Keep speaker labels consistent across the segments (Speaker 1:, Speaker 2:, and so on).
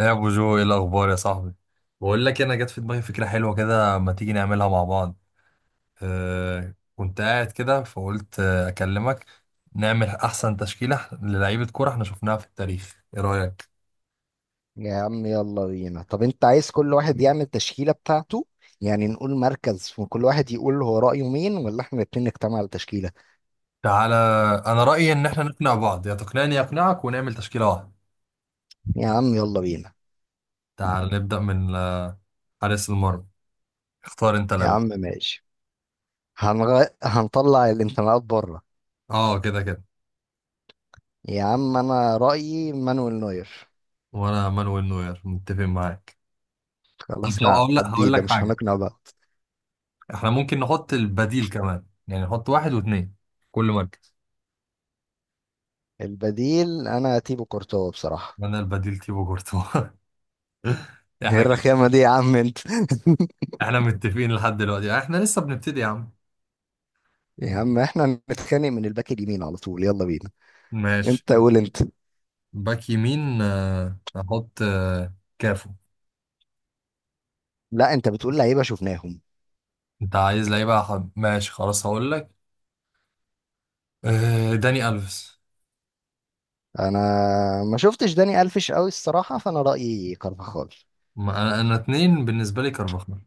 Speaker 1: يا ابو جو، ايه الاخبار يا صاحبي؟ بقول لك، انا جت في دماغي فكره حلوه كده، ما تيجي نعملها مع بعض؟ كنت قاعد كده فقلت اكلمك. نعمل احسن تشكيله للعيبه كوره احنا شفناها في التاريخ، ايه رايك؟
Speaker 2: يا عم يلا بينا. طب انت عايز كل واحد يعمل تشكيلة بتاعته؟ يعني نقول مركز وكل واحد يقول هو رأيه مين، ولا احنا الاتنين نجتمع على تشكيلة؟
Speaker 1: تعالى. انا رايي ان احنا نقنع بعض، يا تقنعني يا اقنعك، ونعمل تشكيله واحده.
Speaker 2: يا عم يلا بينا.
Speaker 1: تعال نبدا من حارس المرمى. اختار انت
Speaker 2: يا
Speaker 1: الاول.
Speaker 2: عم ماشي. هنطلع الانتماءات بره.
Speaker 1: اه، كده كده.
Speaker 2: يا عم انا رأيي مانويل نوير.
Speaker 1: وانا مانويل نوير، متفق معاك. طب
Speaker 2: خلاص
Speaker 1: لو اقول لك
Speaker 2: نعديه
Speaker 1: هقول
Speaker 2: ده،
Speaker 1: لك
Speaker 2: مش
Speaker 1: حاجه،
Speaker 2: هنقنع بعض.
Speaker 1: احنا ممكن نحط البديل كمان، يعني نحط واحد واثنين، كل مركز.
Speaker 2: البديل انا تيبو كورتوا بصراحة.
Speaker 1: انا البديل تيبو كورتوا.
Speaker 2: ايه
Speaker 1: احنا كده-
Speaker 2: الرخامة دي يا عم انت؟
Speaker 1: احنا متفقين لحد دلوقتي، احنا لسه بنبتدي يا عم.
Speaker 2: يا عم احنا نتخانق من الباك اليمين على طول، يلا بينا. انت
Speaker 1: ماشي.
Speaker 2: قول انت.
Speaker 1: باك يمين، احط كافو.
Speaker 2: لا انت بتقول لعيبة شفناهم.
Speaker 1: انت عايز لعيبه ماشي، خلاص هقول لك. داني الفيس.
Speaker 2: انا ما شفتش داني الفيش قوي الصراحه، فانا رايي كارفاخال.
Speaker 1: ما انا اتنين بالنسبه لي كارفاخال.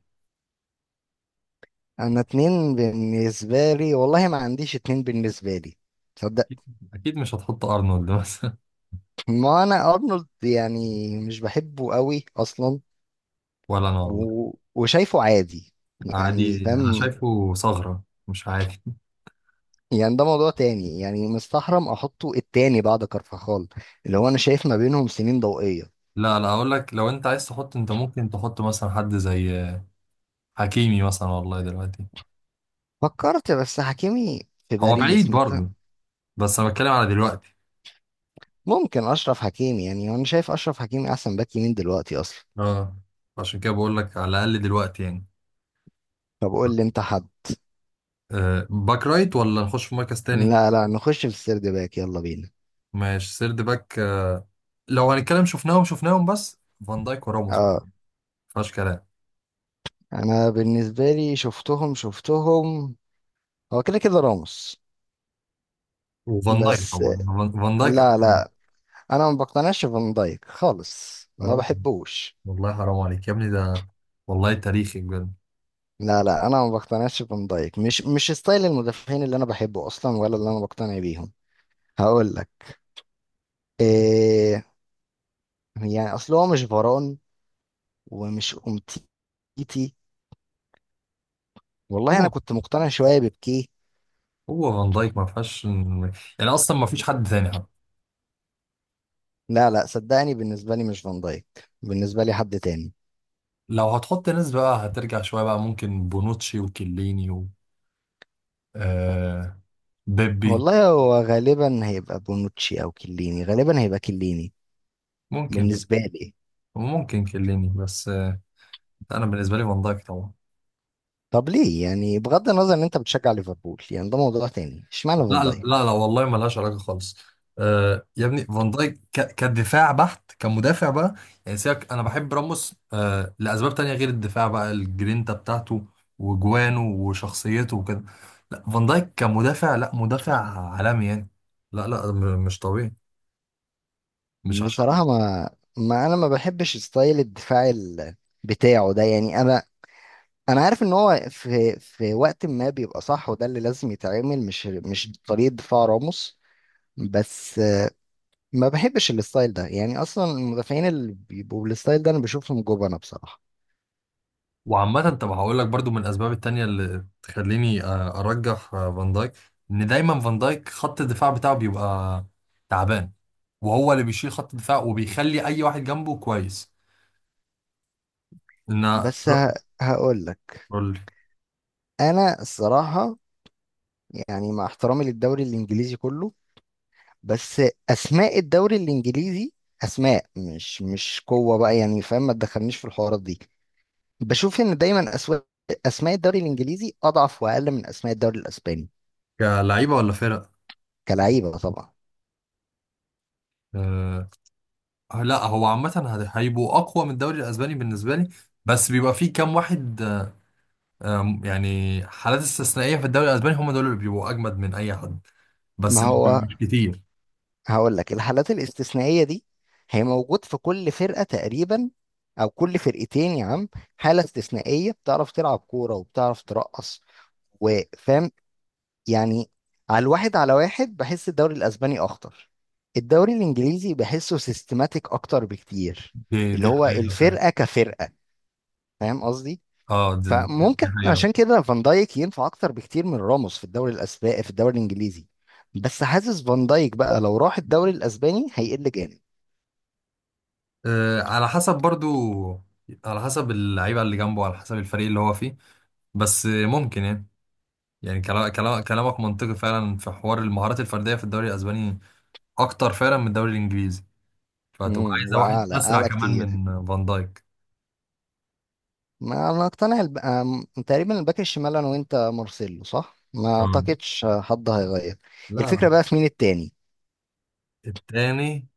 Speaker 2: انا اتنين بالنسبه لي، والله ما عنديش اتنين بالنسبه لي. تصدق؟
Speaker 1: اكيد. أكيد مش هتحط ارنولد مثلا.
Speaker 2: ما انا ارنولد يعني مش بحبه قوي اصلا.
Speaker 1: ولا انا والله.
Speaker 2: وشايفه عادي. يعني
Speaker 1: عادي؟ انا
Speaker 2: فاهم،
Speaker 1: شايفه ثغره مش عادي.
Speaker 2: يعني ده موضوع تاني. يعني مستحرم احطه التاني بعد كارفاخال، اللي هو انا شايف ما بينهم سنين ضوئيه.
Speaker 1: لا لا، هقول لك، لو انت عايز تحط، انت ممكن تحط مثلا حد زي حكيمي مثلا، والله دلوقتي.
Speaker 2: فكرت بس حكيمي في
Speaker 1: هو بعيد
Speaker 2: باريس
Speaker 1: برضه، بس انا بتكلم على دلوقتي.
Speaker 2: ممكن اشرف حكيمي. يعني انا شايف اشرف حكيمي احسن باك يمين دلوقتي اصلا.
Speaker 1: اه، عشان كده بقول لك على الاقل دلوقتي يعني.
Speaker 2: طب قول لي انت حد.
Speaker 1: باك رايت، ولا نخش في مركز تاني؟
Speaker 2: لا نخش في السرد باك، يلا بينا.
Speaker 1: ماشي، سيرد باك. لو هنتكلم شفناهم شفناهم، بس فان دايك وراموس،
Speaker 2: اه،
Speaker 1: مفيهاش كلام.
Speaker 2: انا بالنسبه لي شفتهم شفتهم، هو كده كده راموس.
Speaker 1: وفان دايك
Speaker 2: بس
Speaker 1: طبعا، فان دايك أحسن
Speaker 2: لا
Speaker 1: منه.
Speaker 2: لا انا ما بقتنعش بفان دايك خالص، ما
Speaker 1: حرام،
Speaker 2: بحبوش.
Speaker 1: والله حرام عليك يا ابني، ده والله تاريخي بجد.
Speaker 2: لا انا ما بقتنعش بفان دايك، مش ستايل المدافعين اللي انا بحبه اصلا ولا اللي انا بقتنع بيهم. هقول لك إيه، يعني اصل هو مش فران ومش امتيتي. والله انا
Speaker 1: هو
Speaker 2: كنت مقتنع شويه ببكيه.
Speaker 1: هو فان دايك ما فيهاش، يعني اصلا ما فيش حد تاني حتى.
Speaker 2: لا صدقني بالنسبة لي مش فان دايك. بالنسبة لي حد تاني.
Speaker 1: لو هتحط ناس بقى هترجع شوية، بقى ممكن بونوتشي وكيليني و آه بيبي.
Speaker 2: والله هو غالبا هيبقى بونوتشي او كيليني، غالبا هيبقى كيليني
Speaker 1: ممكن،
Speaker 2: بالنسبة لي.
Speaker 1: وممكن كيليني بس. أنا بالنسبة لي فان دايك طبعا.
Speaker 2: طب ليه يعني؟ بغض النظر ان انت بتشجع ليفربول، يعني ده موضوع تاني، اشمعنى فان
Speaker 1: لا
Speaker 2: دايك؟
Speaker 1: لا لا، والله ملهاش علاقة خالص. يا ابني، فان دايك كدفاع بحت، كمدافع بقى. يعني سيبك، أنا بحب راموس لأسباب تانية غير الدفاع، بقى الجرينتا بتاعته وجوانه وشخصيته وكده. لا، فان دايك كمدافع، لا، مدافع عالمي يعني. لا لا، مش طبيعي. مش عشان.
Speaker 2: بصراحة ما انا ما بحبش ستايل الدفاع بتاعه ده. يعني انا انا عارف ان هو في وقت ما بيبقى صح، وده اللي لازم يتعمل، مش طريقة دفاع راموس. بس ما بحبش الستايل ده، يعني اصلا المدافعين اللي بيبقوا بالستايل ده انا بشوفهم جبنه بصراحه.
Speaker 1: وعامة، طب هقول لك برضو، من الأسباب التانية اللي تخليني أرجح فان دايك، إن دايما فان دايك خط الدفاع بتاعه بيبقى تعبان، وهو اللي بيشيل خط الدفاع وبيخلي أي واحد جنبه كويس. إن
Speaker 2: بس ه... هقول لك
Speaker 1: قول لي.
Speaker 2: انا الصراحه، يعني مع احترامي للدوري الانجليزي كله، بس اسماء الدوري الانجليزي اسماء مش قوه بقى. يعني فاهم، ما تدخلنيش في الحوارات دي. بشوف ان دايما اسماء الدوري الانجليزي اضعف واقل من اسماء الدوري الاسباني.
Speaker 1: كلعيبة ولا فرق؟
Speaker 2: كلعيبه طبعا.
Speaker 1: آه. لا، هو عامة هيبقوا أقوى من الدوري الأسباني بالنسبة لي، بس بيبقى فيه كام واحد، آه، آم، يعني حالات استثنائية في الدوري الأسباني، هم دول اللي بيبقوا أجمد من أي حد، بس
Speaker 2: ما هو
Speaker 1: مش كتير.
Speaker 2: هقول لك، الحالات الاستثنائية دي هي موجود في كل فرقة تقريبا، أو كل فرقتين يا عم. حالة استثنائية بتعرف تلعب كورة وبتعرف ترقص وفاهم يعني. على الواحد على واحد بحس الدوري الأسباني أخطر. الدوري الإنجليزي بحسه سيستماتيك أكتر بكتير،
Speaker 1: دي
Speaker 2: اللي
Speaker 1: دي
Speaker 2: هو
Speaker 1: حقيقة فعلا.
Speaker 2: الفرقة كفرقة. فاهم قصدي؟
Speaker 1: اه، دي
Speaker 2: فممكن
Speaker 1: حقيقة.
Speaker 2: عشان كده فان دايك ينفع أكتر بكتير من راموس في الدوري الأسباني، في الدوري الإنجليزي. بس حاسس فان دايك بقى لو راح الدوري الأسباني هيقل جامد.
Speaker 1: على حسب برضو، على حسب اللعيبة اللي جنبه، على حسب الفريق اللي هو فيه. بس ممكن يعني، يعني كلامك منطقي فعلا، في حوار المهارات الفردية في الدوري الأسباني أكتر فعلا من الدوري الإنجليزي، فهتبقى
Speaker 2: امم،
Speaker 1: عايزة
Speaker 2: واعلى،
Speaker 1: واحد أسرع
Speaker 2: اعلى
Speaker 1: كمان
Speaker 2: كتير.
Speaker 1: من فان دايك.
Speaker 2: ما اقتنع الب... آم، تقريبا الباك الشمال انا وانت مارسيلو صح، ما
Speaker 1: مم.
Speaker 2: اعتقدش حد هيغير.
Speaker 1: لا
Speaker 2: الفكره
Speaker 1: لا.
Speaker 2: بقى في مين التاني؟
Speaker 1: التاني،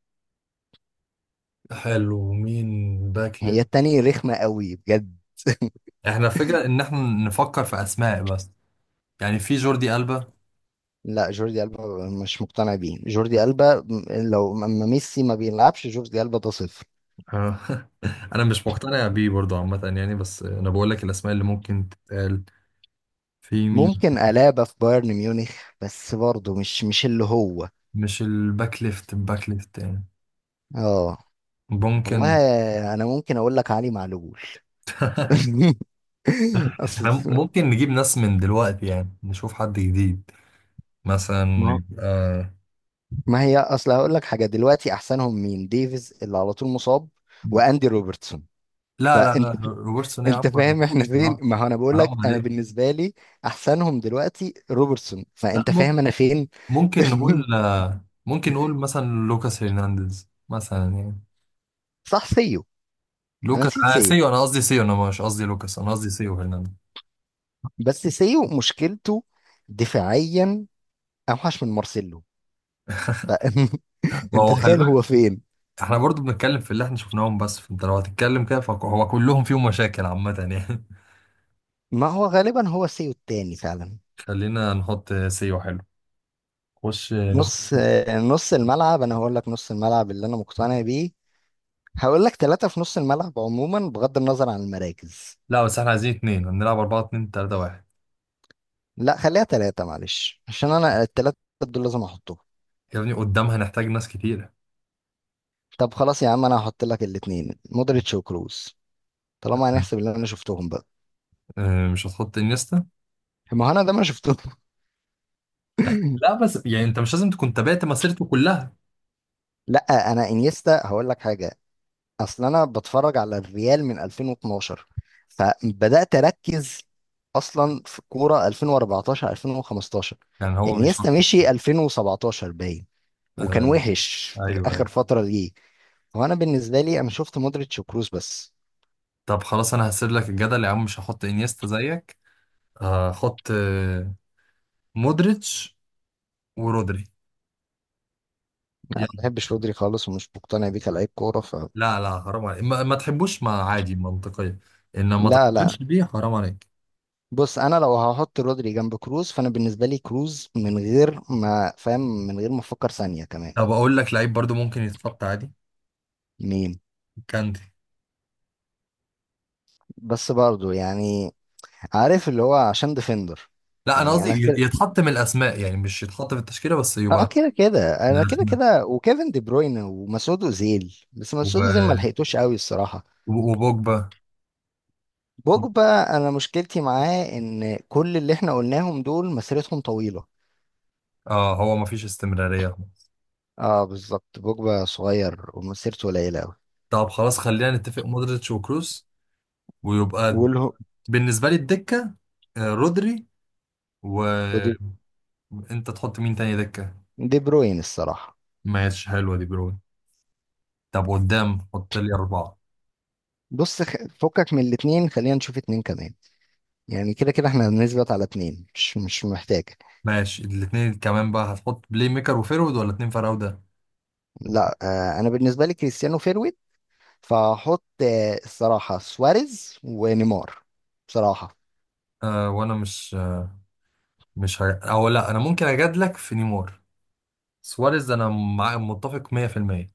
Speaker 1: حلو، مين؟ باك
Speaker 2: هي
Speaker 1: ليفت.
Speaker 2: التاني رخمه قوي بجد.
Speaker 1: احنا الفكرة إن احنا نفكر في أسماء بس، يعني في جوردي ألبا.
Speaker 2: لا جوردي ألبا مش مقتنع بيه، جوردي ألبا اما ميسي ما بيلعبش جوردي ألبا ده صفر.
Speaker 1: آه، أنا مش مقتنع بيه برضو عامة يعني، بس أنا بقول لك الأسماء اللي ممكن تتقال. في مين؟
Speaker 2: ممكن ألابا في بايرن ميونخ، بس برضه مش اللي هو.
Speaker 1: مش الباك ليفت، الباك ليفت يعني.
Speaker 2: اه.
Speaker 1: ممكن.
Speaker 2: والله انا ممكن اقول لك علي معلول.
Speaker 1: احنا
Speaker 2: أصل-
Speaker 1: ممكن نجيب ناس من دلوقتي، يعني نشوف حد جديد
Speaker 2: ما
Speaker 1: مثلا.
Speaker 2: ما هي اصل هقول لك حاجه، دلوقتي احسنهم مين؟ ديفيز اللي على طول مصاب، واندي روبرتسون.
Speaker 1: لا لا
Speaker 2: فانت
Speaker 1: لا، روبرتسون ايه يا
Speaker 2: انت
Speaker 1: عم؟
Speaker 2: فاهم احنا فين.
Speaker 1: آه،
Speaker 2: ما هو انا بقول لك
Speaker 1: حرام
Speaker 2: انا
Speaker 1: عليك.
Speaker 2: بالنسبه لي احسنهم دلوقتي روبرتسون،
Speaker 1: لا،
Speaker 2: فانت فاهم انا فين.
Speaker 1: ممكن نقول آه، ممكن نقول مثلا لوكاس هرنانديز مثلا يعني.
Speaker 2: صح، سيو. انا
Speaker 1: لوكاس،
Speaker 2: نسيت
Speaker 1: انا
Speaker 2: سيو.
Speaker 1: سيو، انا قصدي سيو، انا مش قصدي لوكاس، انا قصدي سيو هرنانديز.
Speaker 2: بس سيو مشكلته دفاعيا اوحش من مارسيلو، فانت
Speaker 1: ما هو، خلي
Speaker 2: تخيل
Speaker 1: بالك.
Speaker 2: هو فين.
Speaker 1: احنا برضو بنتكلم في اللي احنا شفناهم، بس فانت لو هتتكلم كده فهو كلهم فيهم مشاكل عامة يعني.
Speaker 2: ما هو غالبا هو سيو التاني فعلا.
Speaker 1: خلينا نحط سيو، حلو. خش نخش.
Speaker 2: نص نص الملعب، انا هقول لك نص الملعب اللي انا مقتنع بيه. هقول لك ثلاثة في نص الملعب عموما بغض النظر عن المراكز.
Speaker 1: لا بس احنا عايزين اتنين، هنلعب أربعة اتنين تلاتة واحد.
Speaker 2: لا خليها ثلاثة معلش، عشان انا الثلاثة دول لازم احطهم.
Speaker 1: يا ابني قدامها نحتاج ناس كتيرة.
Speaker 2: طب خلاص يا عم، انا هحط لك الاثنين مودريتش وكروس، طالما هنحسب اللي انا شفتهم بقى.
Speaker 1: مش هتحط انيستا؟
Speaker 2: ما هو انا ده ما شفتهم.
Speaker 1: لا بس يعني انت مش لازم تكون تابعت مسيرته كلها،
Speaker 2: لا انا انيستا هقول لك حاجة. اصل انا بتفرج على الريال من 2012، فبدأت اركز اصلا في كورة 2014 2015.
Speaker 1: يعني هو بيشط.
Speaker 2: انيستا مشي 2017 باين، وكان
Speaker 1: آه،
Speaker 2: وحش في
Speaker 1: ايوه
Speaker 2: الاخر
Speaker 1: ايوه.
Speaker 2: فترة ليه. هو انا بالنسبه لي انا شفت مودريتش وكروس بس.
Speaker 1: طب خلاص انا هسيب لك الجدل يا عم، مش هحط انيستا زيك. هحط مودريتش ورودري.
Speaker 2: انا ما
Speaker 1: يلا.
Speaker 2: بحبش رودري خالص ومش مقتنع بيه كلاعب كوره. ف
Speaker 1: لا لا، حرام عليك، ما تحبوش ما، عادي منطقية، انما ما
Speaker 2: لا
Speaker 1: تقبلش
Speaker 2: لا
Speaker 1: بيه، حرام عليك.
Speaker 2: بص انا لو هحط رودري جنب كروز، فانا بالنسبه لي كروز من غير ما فاهم، من غير ما افكر ثانيه كمان.
Speaker 1: طب اقول لك لعيب برضو ممكن يتحط عادي.
Speaker 2: مين؟
Speaker 1: كانتي.
Speaker 2: بس برضو يعني عارف اللي هو عشان ديفندر.
Speaker 1: لا انا
Speaker 2: يعني
Speaker 1: قصدي
Speaker 2: انا كده،
Speaker 1: يتحط من الاسماء، يعني مش يتحط في التشكيله بس
Speaker 2: اه
Speaker 1: يبقى
Speaker 2: كده كده
Speaker 1: من
Speaker 2: انا كده
Speaker 1: الاسماء
Speaker 2: كده وكيفن دي بروين ومسعود اوزيل. بس
Speaker 1: وب...
Speaker 2: مسعود اوزيل ما لحقتوش قوي الصراحه.
Speaker 1: وبوجبا.
Speaker 2: بوجبا انا مشكلتي معاه ان كل اللي احنا قلناهم دول مسيرتهم طويله.
Speaker 1: اه، هو ما فيش استمراريه خالص.
Speaker 2: اه بالظبط، بوجبا صغير ومسيرته قليلة أوي.
Speaker 1: طب خلاص، خلينا نتفق مودريتش وكروس، ويبقى
Speaker 2: وله.
Speaker 1: بالنسبه لي الدكه رودري،
Speaker 2: ودي
Speaker 1: وانت تحط مين تاني دكه؟
Speaker 2: دي بروين الصراحة.
Speaker 1: ماشي، حلوه دي برون. طب قدام حط لي اربعه.
Speaker 2: بص فكك من الاتنين، خلينا نشوف اتنين كمان. يعني كده كده احنا بنثبت على اتنين مش محتاج.
Speaker 1: ماشي، الاثنين كمان بقى، هتحط بلاي ميكر وفيرود ولا اتنين فراوده؟
Speaker 2: لا آه انا بالنسبة لي كريستيانو فيرويد، فهحط آه الصراحة سواريز ونيمار بصراحة.
Speaker 1: وانا مش مش او لا، انا ممكن اجادلك في نيمار. سواريز انا مع متفق 100%.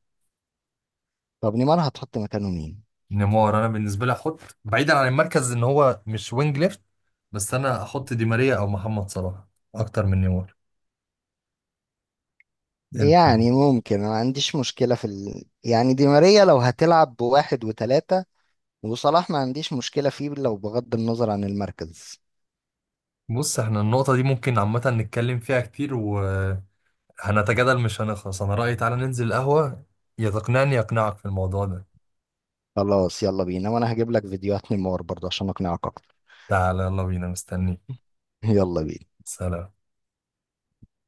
Speaker 2: طب نيمار هتحط مكانه مين؟
Speaker 1: نيمار انا بالنسبه لي احط بعيدا عن المركز، ان هو مش وينج ليفت، بس انا احط دي ماريا او محمد صلاح اكتر من نيمار. انت
Speaker 2: يعني ممكن، ما عنديش مشكلة في يعني دي ماريا لو هتلعب بواحد وتلاتة وصلاح ما عنديش مشكلة فيه، لو بغض النظر عن المركز.
Speaker 1: بص، احنا النقطه دي ممكن عامه نتكلم فيها كتير وهنتجادل مش هنخلص، انا رايي تعالى ننزل القهوه، يا تقنعني يقنعك في الموضوع ده.
Speaker 2: خلاص يلا بينا، وانا هجيب لك فيديوهات نيمار برضه عشان اقنعك اكتر.
Speaker 1: تعالى يلا بينا، مستنيك.
Speaker 2: يلا بينا.
Speaker 1: سلام.